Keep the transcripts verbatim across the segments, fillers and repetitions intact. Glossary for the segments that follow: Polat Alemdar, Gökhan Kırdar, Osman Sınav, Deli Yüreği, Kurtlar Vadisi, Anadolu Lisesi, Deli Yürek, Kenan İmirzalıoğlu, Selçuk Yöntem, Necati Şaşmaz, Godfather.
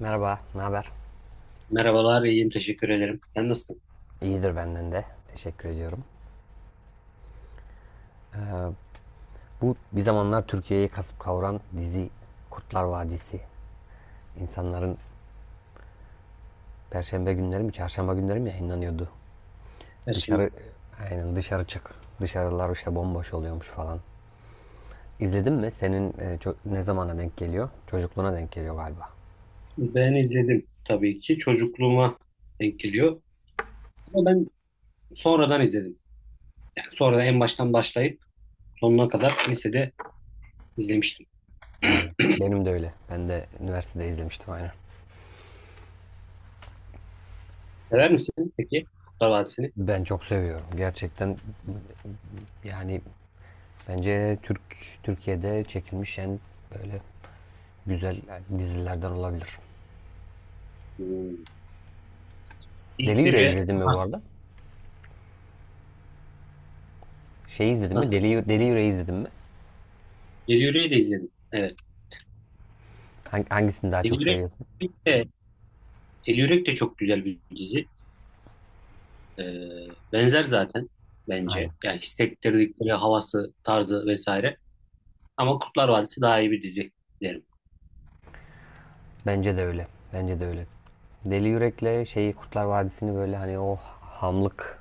Merhaba, ne haber? Merhabalar, iyiyim. Teşekkür ederim. Sen nasılsın? İyidir benden de. Teşekkür ediyorum. Bu bir zamanlar Türkiye'yi kasıp kavuran dizi Kurtlar Vadisi. İnsanların perşembe günleri mi, çarşamba günleri mi yayınlanıyordu? Ersin Dışarı, aynen dışarı çık. Dışarılar işte bomboş oluyormuş falan. İzledin mi? Senin e, ço- ne zamana denk geliyor? Çocukluğuna denk geliyor galiba. ben. Ben izledim tabii ki. Çocukluğuma denk geliyor. Ama ben sonradan izledim. Yani sonradan en baştan başlayıp sonuna kadar lisede izlemiştim. Aynen. Benim de öyle. Ben de üniversitede izlemiştim aynen. Sever misin peki Kurtlar Vadisi'ni? Ben çok seviyorum. Gerçekten yani bence Türk Türkiye'de çekilmiş en böyle güzel yani dizilerden olabilir. Hmm. Deli İlk Yüreği biri izledin mi bu ah, arada? Şeyi izledin ah, mi? Deli, Deli Yüreği izledin mi? Deli Yürek'i de izledim. Evet. Hangisini daha Deli çok Yürek seviyorsun? de, Deli Yürek de çok güzel bir dizi. Ee, Benzer zaten bence. Aynen. Yani hissettirdikleri havası, tarzı vesaire. Ama Kurtlar Vadisi daha iyi bir dizi derim. Bence de öyle. Bence de öyle. Deli Yürek'le şeyi Kurtlar Vadisi'ni böyle hani o hamlık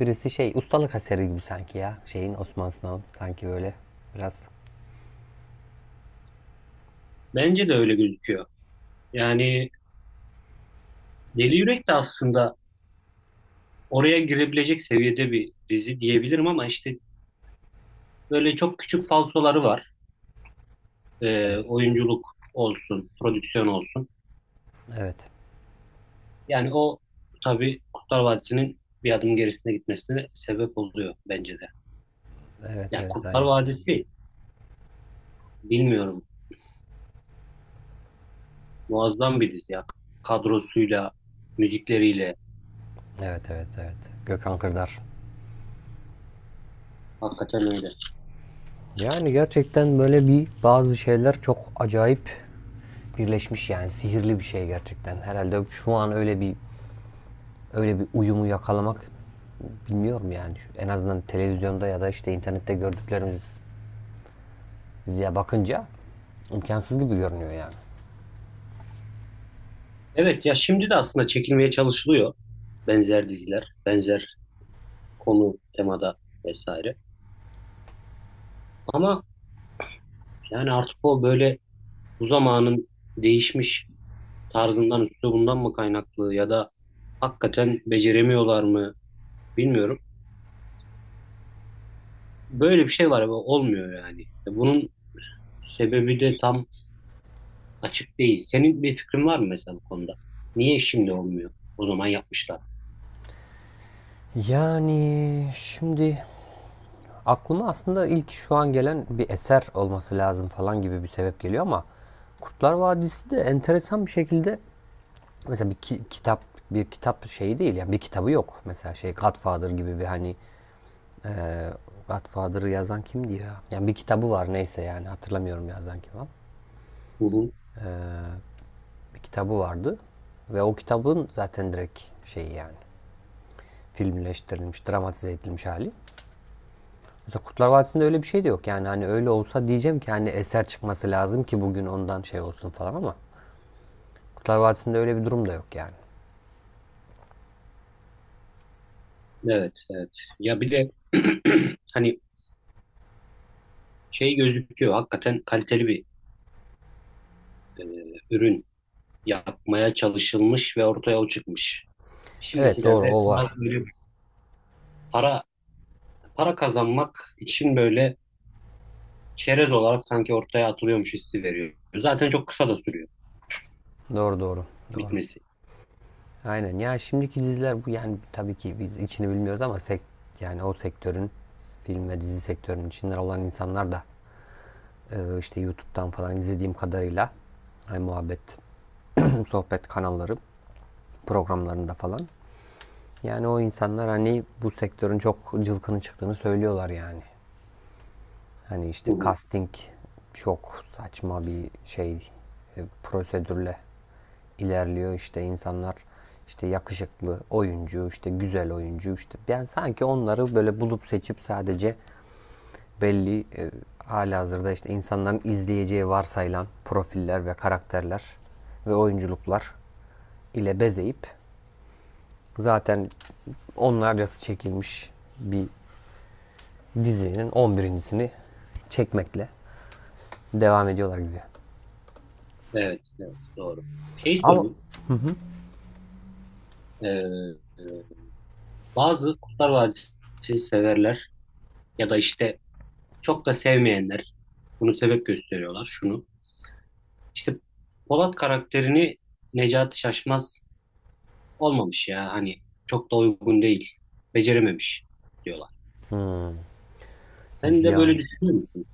birisi şey ustalık eseri gibi sanki ya. Şeyin Osman Sınav'ın sanki böyle biraz. Bence de öyle gözüküyor. Yani Deli Yürek de aslında oraya girebilecek seviyede bir dizi diyebilirim ama işte böyle çok küçük falsoları var. Ee, Evet. Oyunculuk olsun, prodüksiyon olsun. Evet. Yani o tabii Kurtlar Vadisi'nin bir adım gerisine gitmesine sebep oluyor bence de. Evet, Yani evet, Kurtlar aynen. Vadisi bilmiyorum muazzam bir dizi ya. Kadrosuyla, müzikleriyle Evet, evet, evet. Gökhan Kırdar. hakikaten öyle. Yani gerçekten böyle bir bazı şeyler çok acayip birleşmiş yani sihirli bir şey gerçekten. Herhalde şu an öyle bir öyle bir uyumu yakalamak bilmiyorum yani. En azından televizyonda ya da işte internette gördüklerimiz diye bakınca imkansız gibi görünüyor yani. Evet ya şimdi de aslında çekilmeye çalışılıyor benzer diziler, benzer konu, temada vesaire. Ama yani artık o böyle bu zamanın değişmiş tarzından, üslubundan mı kaynaklı ya da hakikaten beceremiyorlar mı bilmiyorum. Böyle bir şey var ama olmuyor yani. E, Bunun sebebi de tam açık değil. Senin bir fikrin var mı mesela bu konuda? Niye şimdi olmuyor? O zaman yapmışlar. Yani şimdi aklıma aslında ilk şu an gelen bir eser olması lazım falan gibi bir sebep geliyor ama Kurtlar Vadisi de enteresan bir şekilde mesela bir ki- kitap bir kitap şeyi değil yani bir kitabı yok. Mesela şey Godfather gibi bir hani Godfather'ı yazan kimdi ya? Yani bir kitabı var neyse yani hatırlamıyorum yazan kim ama. Hı hı. Bir kitabı vardı ve o kitabın zaten direkt şeyi yani filmleştirilmiş, dramatize edilmiş hali. Mesela Kurtlar Vadisi'nde öyle bir şey de yok. Yani hani öyle olsa diyeceğim ki hani eser çıkması lazım ki bugün ondan şey olsun falan ama Kurtlar Vadisi'nde öyle bir durum da yok yani. Evet, evet. Ya bir de hani şey gözüküyor. Hakikaten kaliteli bir e, ürün yapmaya çalışılmış ve ortaya o çıkmış. Evet, doğru, Şimdikilerde o var. biraz böyle para para kazanmak için böyle çerez olarak sanki ortaya atılıyormuş hissi veriyor. Zaten çok kısa da sürüyor Doğru, doğru. Doğru. bitmesi. Aynen. Ya şimdiki diziler bu yani tabii ki biz içini bilmiyoruz ama sek yani o sektörün film ve dizi sektörünün içinden olan insanlar da Ee, işte YouTube'dan falan izlediğim kadarıyla hani muhabbet, sohbet kanalları programlarında falan. Yani o insanlar hani bu sektörün çok cılkını çıktığını söylüyorlar yani. Hani Hı işte hı. casting çok saçma bir şey e, prosedürle ilerliyor işte insanlar işte yakışıklı oyuncu, işte güzel oyuncu, işte ben sanki onları böyle bulup seçip sadece belli e, halihazırda işte insanların izleyeceği varsayılan profiller ve karakterler ve oyunculuklar ile bezeyip zaten onlarcası çekilmiş bir dizinin on birincisini çekmekle devam ediyorlar gibi. Evet, evet doğru. Şey Ama sorayım. Ee, e, Bazı Kurtlar Vadisi severler ya da işte çok da sevmeyenler bunu sebep gösteriyorlar şunu. İşte Polat karakterini Necati Şaşmaz olmamış ya hani çok da uygun değil. Becerememiş diyorlar. Sen de böyle ya düşünüyor musun?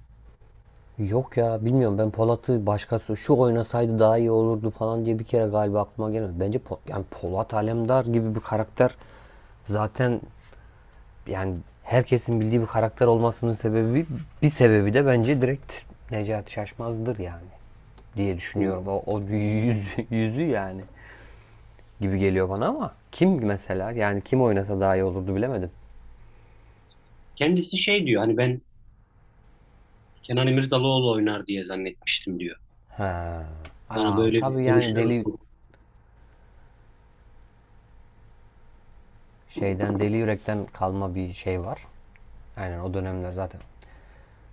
yok ya bilmiyorum, ben Polat'ı başkası şu oynasaydı daha iyi olurdu falan diye bir kere galiba aklıma gelmedi. Bence Po- yani Polat Alemdar gibi bir karakter zaten yani herkesin bildiği bir karakter olmasının sebebi, bir sebebi de bence direkt Necati Şaşmaz'dır yani diye Hı. düşünüyorum. O, o yüz, yüzü yani gibi geliyor bana ama kim mesela yani kim oynasa daha iyi olurdu bilemedim. Kendisi şey diyor hani ben Kenan İmirzalıoğlu oynar diye zannetmiştim diyor. Bana Aa, böyle tabii bir yani konuşuyoruz. deli şeyden deli yürekten kalma bir şey var. Aynen o dönemler zaten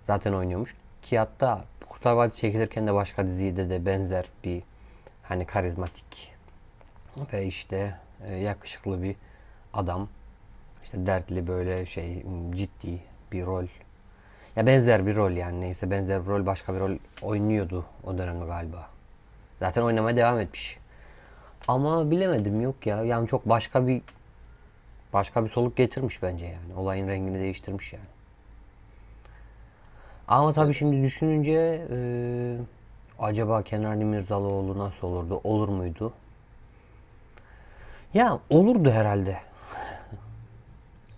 zaten oynuyormuş. Ki hatta Kurtlar Vadisi çekilirken de başka dizide de benzer bir hani karizmatik ve işte e, yakışıklı bir adam, İşte dertli böyle şey, hmm, ciddi bir rol. Ya benzer bir rol yani neyse benzer bir rol, başka bir rol oynuyordu o dönemde galiba. Zaten oynamaya devam etmiş. Ama bilemedim yok ya. Yani çok başka bir başka bir soluk getirmiş bence yani. Olayın rengini değiştirmiş yani. Ama tabii Evet, şimdi düşününce e, acaba Kenarlı Mirzalıoğlu nasıl olurdu? Olur muydu? Ya olurdu herhalde.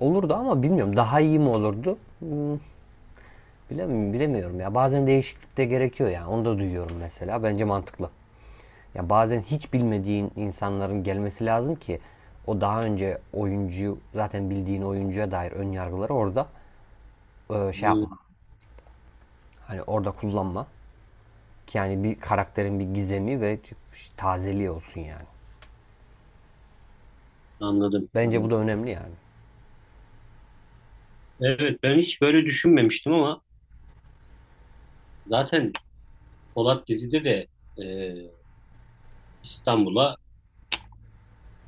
Olurdu ama bilmiyorum, daha iyi mi olurdu? Bilemiyorum, bilemiyorum ya. Bazen değişiklik de gerekiyor yani. Onu da duyuyorum mesela. Bence mantıklı. Ya bazen hiç bilmediğin insanların gelmesi lazım ki o daha önce oyuncuyu, zaten bildiğin oyuncuya dair ön yargıları orada e, şey hı, yapma. Hani orada kullanma. Ki yani bir karakterin bir gizemi ve tazeliği olsun yani. anladım, Bence bu anladım. da önemli yani. Evet ben hiç böyle düşünmemiştim ama zaten Polat dizide de e, İstanbul'a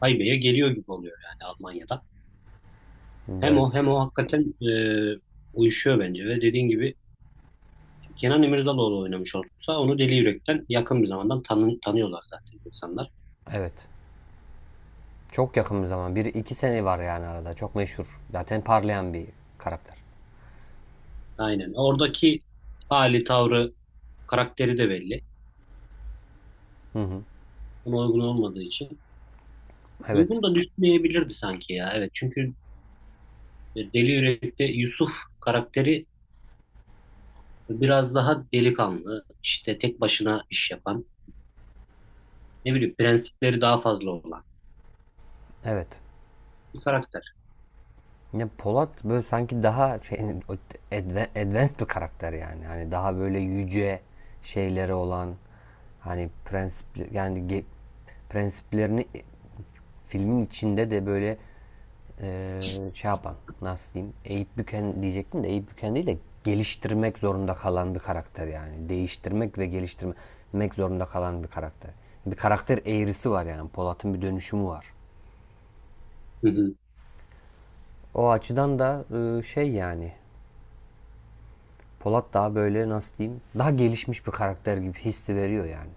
haybeye geliyor gibi oluyor yani Almanya'da. Hem o Evet. hem o hakikaten e, uyuşuyor bence ve dediğin gibi Kenan İmirzalıoğlu oynamış olsa onu Deli Yürek'ten yakın bir zamandan tanı- tanıyorlar zaten insanlar. Evet. Çok yakın bir zaman. Bir iki sene var yani arada. Çok meşhur. Zaten parlayan bir karakter. Aynen. Oradaki hali, tavrı, karakteri de belli. Hı hı. Ama uygun olmadığı için. Evet. Uygun da düşünmeyebilirdi sanki ya. Evet çünkü e, Deli Yürek'te Yusuf karakteri biraz daha delikanlı, işte tek başına iş yapan, ne bileyim prensipleri daha fazla olan Evet. bir karakter. Ya Polat böyle sanki daha şey, advanced bir karakter yani. Hani daha böyle yüce şeyleri olan, hani prensip yani ge- prensiplerini e, filmin içinde de böyle eee, şey yapan, nasıl diyeyim, eğip büken diyecektim de eğip büken değil de geliştirmek zorunda kalan bir karakter yani. Değiştirmek ve geliştirmek zorunda kalan bir karakter. Bir karakter eğrisi var yani. Polat'ın bir dönüşümü var. Hı hı. O açıdan da eee, şey yani Polat daha böyle nasıl diyeyim, daha gelişmiş bir karakter gibi hissi veriyor yani.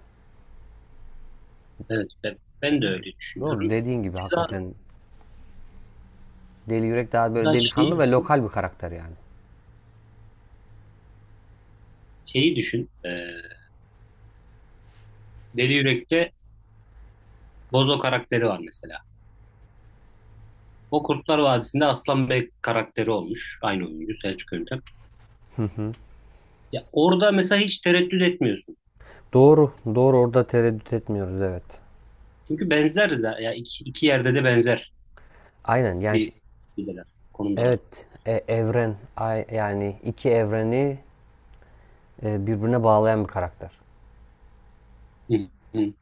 Evet ben, ben de öyle Doğru düşünüyorum. dediğin gibi Keza hakikaten Deli Yürek daha böyle da delikanlı şeyi, ve lokal bir karakter yani. şeyi düşün. e, Deli Yürek'te Bozo karakteri var mesela. O Kurtlar Vadisi'nde Aslan Bey karakteri olmuş. Aynı oyuncu Selçuk Yöntem. Ya orada mesela hiç tereddüt etmiyorsun. Doğru, doğru, orada tereddüt etmiyoruz, evet. Çünkü benzer de ya iki, iki yerde de benzer Aynen yani, bir şeydeler, konumdalar. evet, e, evren yani iki evreni e, birbirine bağlayan bir karakter. Hı, hı,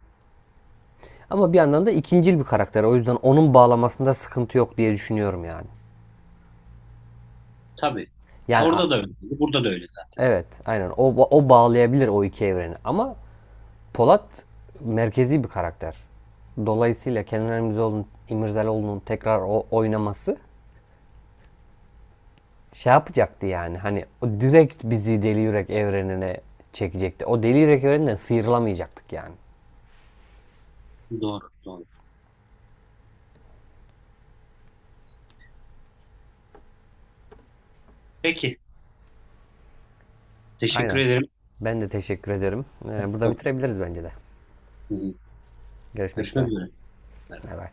Ama bir yandan da ikincil bir karakter, o yüzden onun bağlamasında sıkıntı yok diye düşünüyorum yani. tabii. Ya Yani a- orada da öyle. Burada da öyle zaten. evet, aynen, o, o bağlayabilir o iki evreni ama Polat merkezi bir karakter. Dolayısıyla Kenan İmirzalıoğlu'nun İmirzalıoğlu'nun tekrar o oynaması şey yapacaktı yani. Hani o direkt bizi Deli Yürek evrenine çekecekti. O Deli Yürek evreninden sıyrılamayacaktık yani. Doğru, doğru. Peki. Teşekkür Aynen. ederim. Ben de teşekkür ederim. Ee, burada Hı, bitirebiliriz bence de. hı. Görüşmek Görüşmek üzere. üzere. Bay bay.